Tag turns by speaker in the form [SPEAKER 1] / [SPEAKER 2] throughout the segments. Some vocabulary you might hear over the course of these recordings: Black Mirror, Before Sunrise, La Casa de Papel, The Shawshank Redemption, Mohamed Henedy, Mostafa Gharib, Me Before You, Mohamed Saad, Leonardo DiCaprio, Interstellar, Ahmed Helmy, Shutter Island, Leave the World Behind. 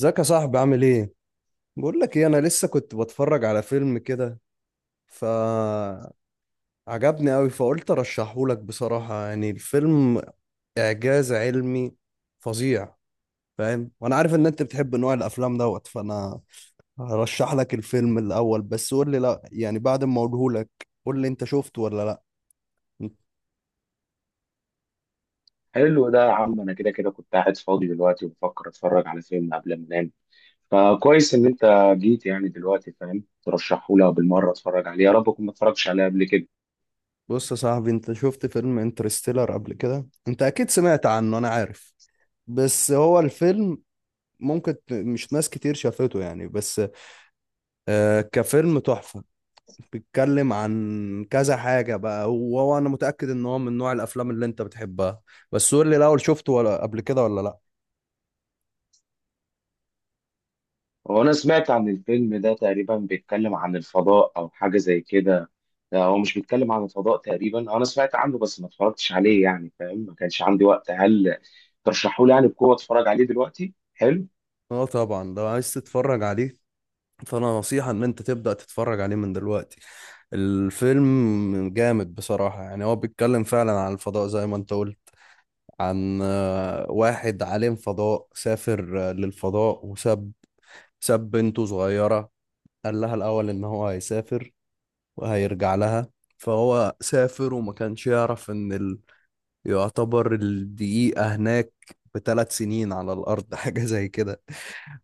[SPEAKER 1] ازيك يا صاحبي؟ عامل ايه؟ بقول لك ايه، انا لسه كنت بتفرج على فيلم كده فعجبني قوي، فقلت ارشحه لك. بصراحة يعني الفيلم اعجاز علمي فظيع، فاهم. وانا عارف ان انت بتحب نوع الافلام دوت، فانا هرشح لك الفيلم. الاول بس قول لي، لا يعني بعد ما اقوله لك قول لي انت شفته ولا لا.
[SPEAKER 2] حلو ده يا عم. انا كده كنت قاعد فاضي دلوقتي وبفكر اتفرج على فيلم قبل ما انام. فكويس ان انت جيت يعني دلوقتي، فاهم؟ ترشحهولي بالمره اتفرج عليه، يا رب اكون ما اتفرجتش عليه قبل كده.
[SPEAKER 1] بص يا صاحبي، انت شفت فيلم انترستيلر قبل كده؟ انت اكيد سمعت عنه، انا عارف. بس هو الفيلم ممكن مش ناس كتير شافته يعني. بس كفيلم تحفة، بيتكلم عن كذا حاجة بقى. هو وأنا متأكد إن هو من نوع الأفلام اللي أنت بتحبها. بس قول لي الأول، شفته ولا قبل كده ولا لأ؟
[SPEAKER 2] هو انا سمعت عن الفيلم ده تقريبا بيتكلم عن الفضاء او حاجه زي كده. لا، هو مش بيتكلم عن الفضاء تقريبا؟ انا سمعت عنه بس ما اتفرجتش عليه يعني، فاهم؟ ما كانش عندي وقت. هل ترشحهولي يعني بقوه اتفرج عليه دلوقتي؟ حلو.
[SPEAKER 1] أه طبعا، لو عايز تتفرج عليه فأنا نصيحة إن أنت تبدأ تتفرج عليه من دلوقتي. الفيلم جامد بصراحة يعني. هو بيتكلم فعلا عن الفضاء زي ما أنت قلت، عن واحد عالم فضاء سافر للفضاء، وساب بنته صغيرة. قال لها الأول إن هو هيسافر وهيرجع لها. فهو سافر وما كانش يعرف ان ال... يعتبر الدقيقة هناك بثلاث سنين على الأرض. حاجة زي كده.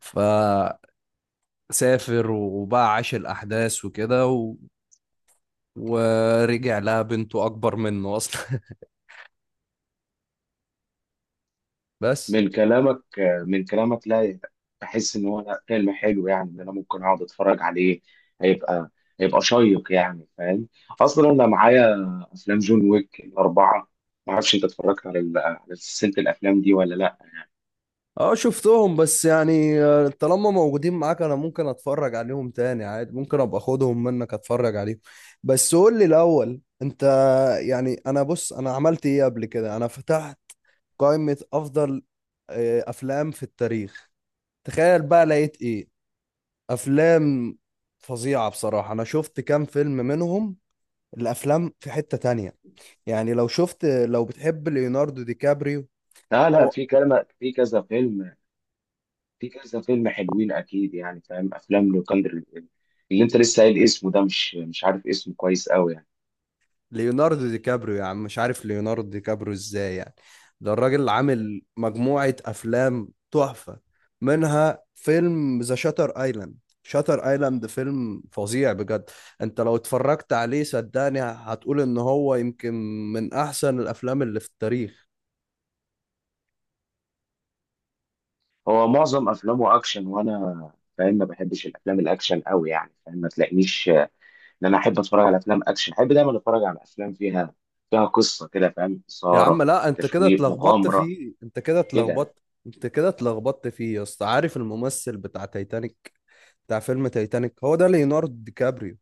[SPEAKER 1] فسافر وبقى عاش الأحداث وكده و... ورجع لها بنته أكبر منه أصلا. بس.
[SPEAKER 2] من كلامك من كلامك لا، بحس ان هو لا، فيلم حلو يعني، ان انا ممكن اقعد اتفرج عليه. هيبقى هيبقى شيق يعني، فاهم؟ اصلا انا معايا افلام جون ويك الاربعه، ما اعرفش انت اتفرجت على على سلسله الافلام دي ولا لا.
[SPEAKER 1] اه شفتهم، بس يعني طالما موجودين معاك انا ممكن اتفرج عليهم تاني عادي، ممكن ابقى اخدهم منك اتفرج عليهم. بس قول لي الاول، انت يعني. انا بص، انا عملت ايه قبل كده؟ انا فتحت قائمة افضل افلام في التاريخ. تخيل بقى لقيت ايه! افلام فظيعة بصراحة. انا شفت كام فيلم منهم، الافلام في حتة تانية يعني. لو شفت، لو بتحب ليوناردو دي كابريو.
[SPEAKER 2] لا
[SPEAKER 1] هو
[SPEAKER 2] في كلام، في كذا فيلم، في كذا فيلم حلوين اكيد يعني، فاهم؟ افلام لوكاندر اللي انت لسه قايل اسمه ده، مش عارف اسمه كويس قوي يعني.
[SPEAKER 1] ليوناردو دي كابريو يا عم، مش عارف ليوناردو دي كابريو ازاي يعني. ده الراجل عامل مجموعة أفلام تحفة، منها فيلم ذا شاتر ايلاند. شاتر ايلاند فيلم فظيع بجد. انت لو اتفرجت عليه صدقني هتقول ان هو يمكن من احسن الافلام اللي في التاريخ.
[SPEAKER 2] هو معظم افلامه اكشن، وانا فاهم ما بحبش الافلام الاكشن قوي يعني، فاهم؟ ما تلاقينيش ان انا احب اتفرج على افلام اكشن، احب دايما اتفرج على افلام فيها قصه كده، فاهم؟
[SPEAKER 1] يا عم
[SPEAKER 2] اثاره،
[SPEAKER 1] لا، انت كده
[SPEAKER 2] تشويق،
[SPEAKER 1] اتلخبطت
[SPEAKER 2] مغامره
[SPEAKER 1] فيه، انت كده
[SPEAKER 2] كده.
[SPEAKER 1] اتلخبطت. انت كده اتلخبطت فيه يا اسطى. عارف الممثل بتاع تايتانيك، بتاع فيلم تايتانيك؟ هو ده ليوناردو دي كابريو.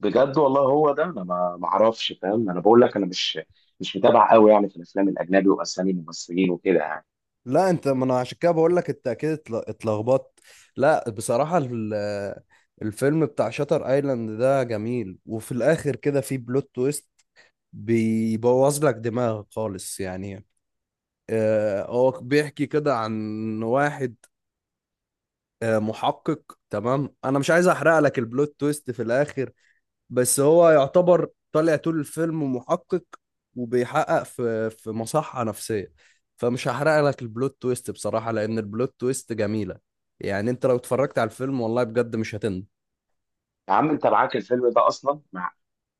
[SPEAKER 2] بجد والله هو ده؟ انا ما اعرفش، فاهم؟ انا بقول لك انا مش متابع قوي يعني في الافلام الاجنبي واسامي الممثلين وكده يعني.
[SPEAKER 1] لا انت، ما انا عشان كده بقول لك انت اكيد اتلخبطت. لا بصراحة، الفيلم بتاع شاتر ايلاند ده جميل، وفي الاخر كده في بلوت تويست بيبوظ لك دماغك خالص يعني. هو بيحكي كده عن واحد محقق. تمام، انا مش عايز احرق لك البلوت تويست في الاخر، بس هو يعتبر طالع طول الفيلم محقق وبيحقق في مصحة نفسية. فمش هحرق لك البلوت تويست بصراحة، لأن البلوت تويست جميلة يعني. أنت لو اتفرجت على الفيلم، والله بجد مش هتندم.
[SPEAKER 2] يا عم انت معاك الفيلم ده اصلا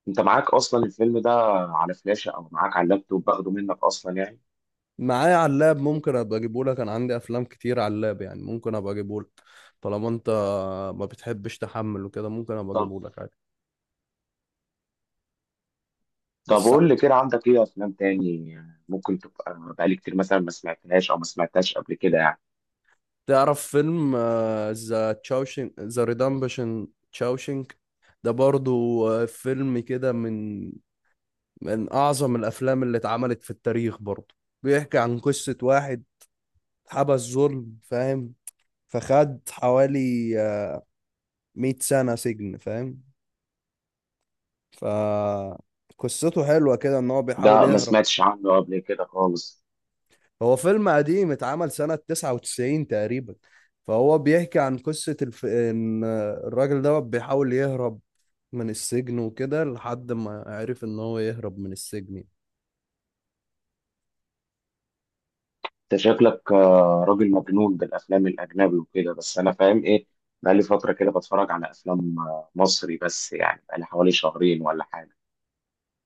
[SPEAKER 2] انت معاك اصلا الفيلم ده على فلاشه او معاك على اللابتوب، باخده منك اصلا يعني.
[SPEAKER 1] معايا على اللاب، ممكن أبقى أجيبه لك. أنا عندي أفلام كتير على اللاب يعني، ممكن أبقى أجيبه لك. طالما أنت ما بتحبش تحمل وكده، ممكن أبقى
[SPEAKER 2] طب،
[SPEAKER 1] أجيبه لك عادي.
[SPEAKER 2] طب
[SPEAKER 1] بس.
[SPEAKER 2] قول لي كده، عندك ايه افلام تاني ممكن تبقى بقالي كتير مثلا ما سمعتهاش او ما سمعتهاش قبل كده يعني.
[SPEAKER 1] تعرف فيلم ذا تشاوشينج ذا ريدمبشن؟ تشاوشينج ده برضو فيلم كده، من أعظم الأفلام اللي اتعملت في التاريخ برضه. بيحكي عن قصة واحد حبس ظلم، فاهم. فخد حوالي 100 سنة سجن، فاهم. فقصته حلوة كده إن هو بيحاول
[SPEAKER 2] ده ما
[SPEAKER 1] يهرب.
[SPEAKER 2] سمعتش عنه قبل كده خالص.
[SPEAKER 1] هو فيلم قديم، اتعمل سنة 99 تقريبا. فهو بيحكي عن قصة الف... إن الراجل ده بيحاول يهرب من السجن وكده لحد ما عرف إن هو يهرب من السجن.
[SPEAKER 2] انت شكلك راجل مجنون بالافلام الاجنبي وكده. بس انا فاهم ايه، بقالي فتره كده بتفرج على افلام مصري بس يعني، بقالي حوالي 2 شهرين ولا حاجه.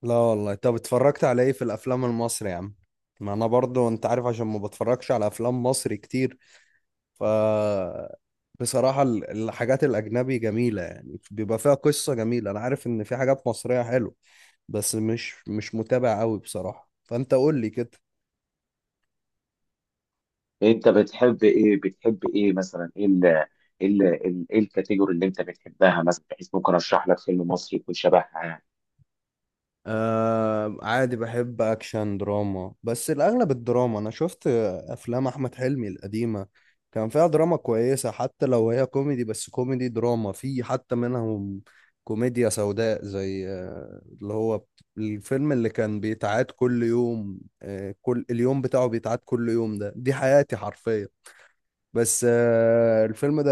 [SPEAKER 1] لا والله. طب اتفرجت على ايه في الافلام المصري يا عم؟ ما انا برضو انت عارف عشان ما بتفرجش على افلام مصري كتير. ف بصراحة الحاجات الاجنبي جميلة يعني، بيبقى فيها قصة جميلة. انا عارف ان في حاجات مصرية حلوة بس مش متابع قوي بصراحة. فانت قول لي كده.
[SPEAKER 2] انت بتحب ايه؟ بتحب ايه مثلا؟ ايه ال ايه ال إيه ال- ايه الكاتيجوري اللي انت بتحبها مثلا، بحيث ممكن ارشح لك فيلم مصري يكون شبهها يعني؟
[SPEAKER 1] آه عادي، بحب اكشن دراما، بس الاغلب الدراما. انا شفت افلام احمد حلمي القديمه كان فيها دراما كويسه، حتى لو هي كوميدي. بس كوميدي دراما في، حتى منهم كوميديا سوداء، زي اللي هو الفيلم اللي كان بيتعاد كل يوم، كل اليوم بتاعه بيتعاد كل يوم ده، دي حياتي حرفيا. بس الفيلم ده.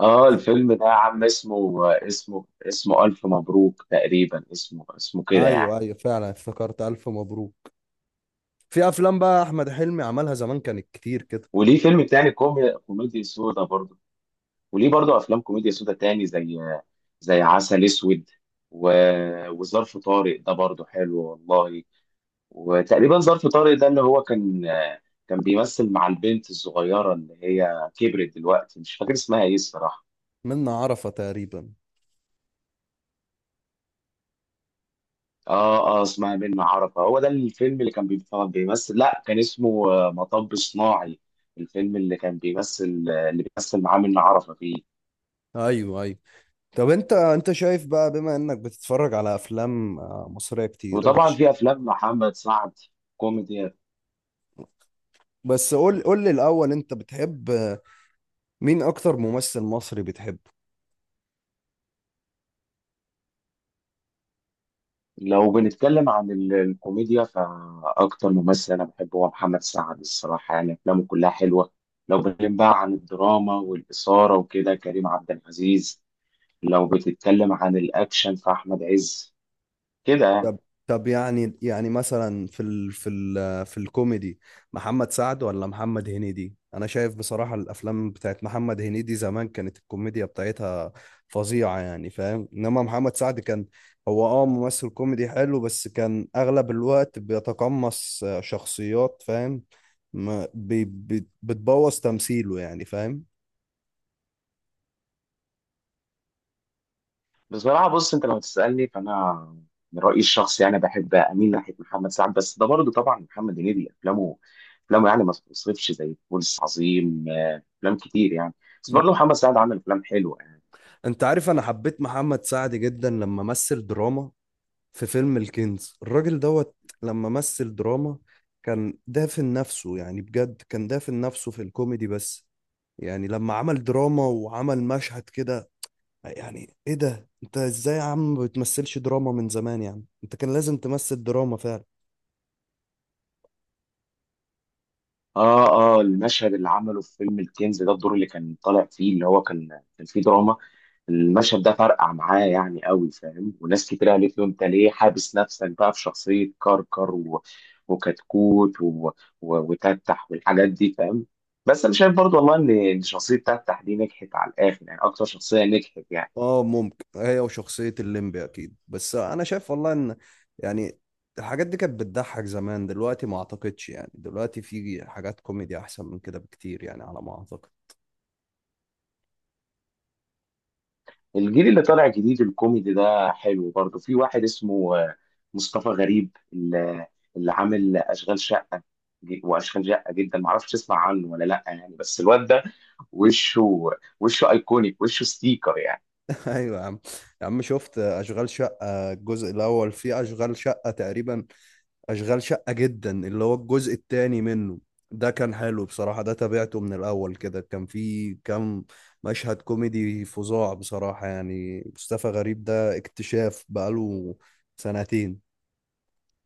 [SPEAKER 2] اه الفيلم ده يا عم اسمه، اسمه الف مبروك تقريبا، اسمه كده
[SPEAKER 1] ايوه
[SPEAKER 2] يعني.
[SPEAKER 1] ايوه فعلا افتكرت، الف مبروك. في افلام بقى احمد حلمي عملها زمان كانت كتير كده.
[SPEAKER 2] وليه فيلم تاني كومي، كوميدي سودا برضه. وليه برضو افلام كوميديا سودا تاني زي، زي عسل اسود و... وظرف طارق ده برضو حلو والله. وتقريبا ظرف طارق ده اللي هو كان بيمثل مع البنت الصغيره اللي هي كبرت دلوقتي، مش فاكر اسمها ايه الصراحه.
[SPEAKER 1] منا عرفة تقريبا.
[SPEAKER 2] اه اسمها منة عرفة. هو ده الفيلم اللي كان بيمثل، لا كان اسمه، مطب صناعي، الفيلم اللي كان بيمثل، اللي بيمثل معاه منة عرفة فيه.
[SPEAKER 1] ايوه ايوه. طب انت شايف بقى بما انك بتتفرج على افلام مصرية كتير، انت
[SPEAKER 2] وطبعا في افلام محمد سعد كوميدي.
[SPEAKER 1] بس قول لي الاول، انت بتحب مين اكتر ممثل مصري بتحبه؟
[SPEAKER 2] لو بنتكلم عن الكوميديا، فأكتر ممثل أنا بحبه هو محمد سعد الصراحة، يعني أفلامه كلها حلوة. لو بنتكلم بقى عن الدراما والإثارة وكده، كريم عبد العزيز. لو بتتكلم عن الأكشن، فأحمد عز كده يعني.
[SPEAKER 1] طب طب يعني، مثلا في الكوميدي محمد سعد ولا محمد هنيدي؟ انا شايف بصراحة الافلام بتاعت محمد هنيدي زمان كانت الكوميديا بتاعتها فظيعة يعني، فاهم. انما محمد سعد كان هو اه ممثل كوميدي حلو، بس كان اغلب الوقت بيتقمص شخصيات، فاهم. بتبوظ تمثيله يعني، فاهم.
[SPEAKER 2] بصراحة بص، أنت لو تسألني فأنا من رأيي الشخصي يعني بحب أميل ناحية محمد سعد. بس ده برضه طبعا محمد هنيدي، أفلامه يعني ما تتوصفش، زي فول الصين العظيم، أفلام كتير يعني. بس برضه محمد سعد عمل أفلام حلوة يعني.
[SPEAKER 1] انت عارف انا حبيت محمد سعد جدا لما مثل دراما في فيلم الكنز، الراجل دوت. لما مثل دراما كان دافن نفسه يعني. بجد كان دافن نفسه في الكوميدي بس. يعني لما عمل دراما وعمل مشهد كده، يعني ايه ده، انت ازاي يا عم ما بتمثلش دراما من زمان يعني؟ انت كان لازم تمثل دراما فعلا.
[SPEAKER 2] اه اه المشهد اللي عمله في فيلم الكنز ده، الدور اللي كان طالع فيه اللي هو كان فيه دراما، المشهد ده فرقع معاه يعني قوي، فاهم؟ وناس كتير قالت له انت ليه حابس نفسك بقى في شخصية كركر وكتكوت وتتح والحاجات دي، فاهم؟ بس انا شايف برضو والله ان إن شخصية تتح دي نجحت على الاخر يعني، اكتر شخصية نجحت يعني.
[SPEAKER 1] اه ممكن، هي وشخصية الليمبي اكيد. بس انا شايف والله ان، يعني، الحاجات دي كانت بتضحك زمان، دلوقتي ما اعتقدش يعني. دلوقتي في حاجات كوميدي احسن من كده بكتير يعني، على ما اعتقد.
[SPEAKER 2] الجيل اللي طالع جديد الكوميدي ده حلو برضه. في واحد اسمه مصطفى غريب، اللي عامل اشغال شقه واشغال شقه جدا، معرفش تسمع عنه ولا لا يعني. بس الواد ده وشه، وشه ايكونيك، وشه ستيكر يعني.
[SPEAKER 1] ايوه يا عم. يا عم شفت اشغال شقه الجزء الاول، في اشغال شقه تقريبا، اشغال شقه جدا اللي هو الجزء الثاني منه، ده كان حلو بصراحه. ده تابعته من الاول كده، كان في كام مشهد كوميدي فظاع بصراحه يعني. مصطفى غريب ده اكتشاف بقاله سنتين.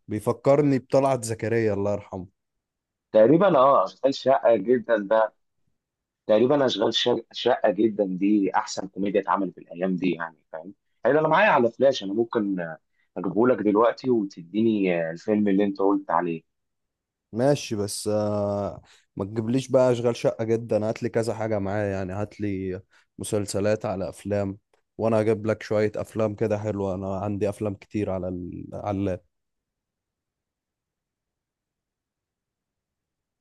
[SPEAKER 1] بيفكرني بطلعت زكريا الله يرحمه.
[SPEAKER 2] تقريبا اه اشغال شقه جدا ده، تقريبا شقه جدا دي احسن كوميديا اتعملت الايام دي يعني، فاهم؟ حلو، انا معايا على فلاش، انا ممكن اجيبه لك دلوقتي وتديني الفيلم اللي انت قلت عليه.
[SPEAKER 1] ماشي، بس ما تجيبليش بقى اشغال شقة جدا، هات لي كذا حاجة معايا يعني. هات لي مسلسلات على افلام وانا اجيب لك شوية افلام كده حلوة. انا عندي افلام كتير على ال... على اللاب.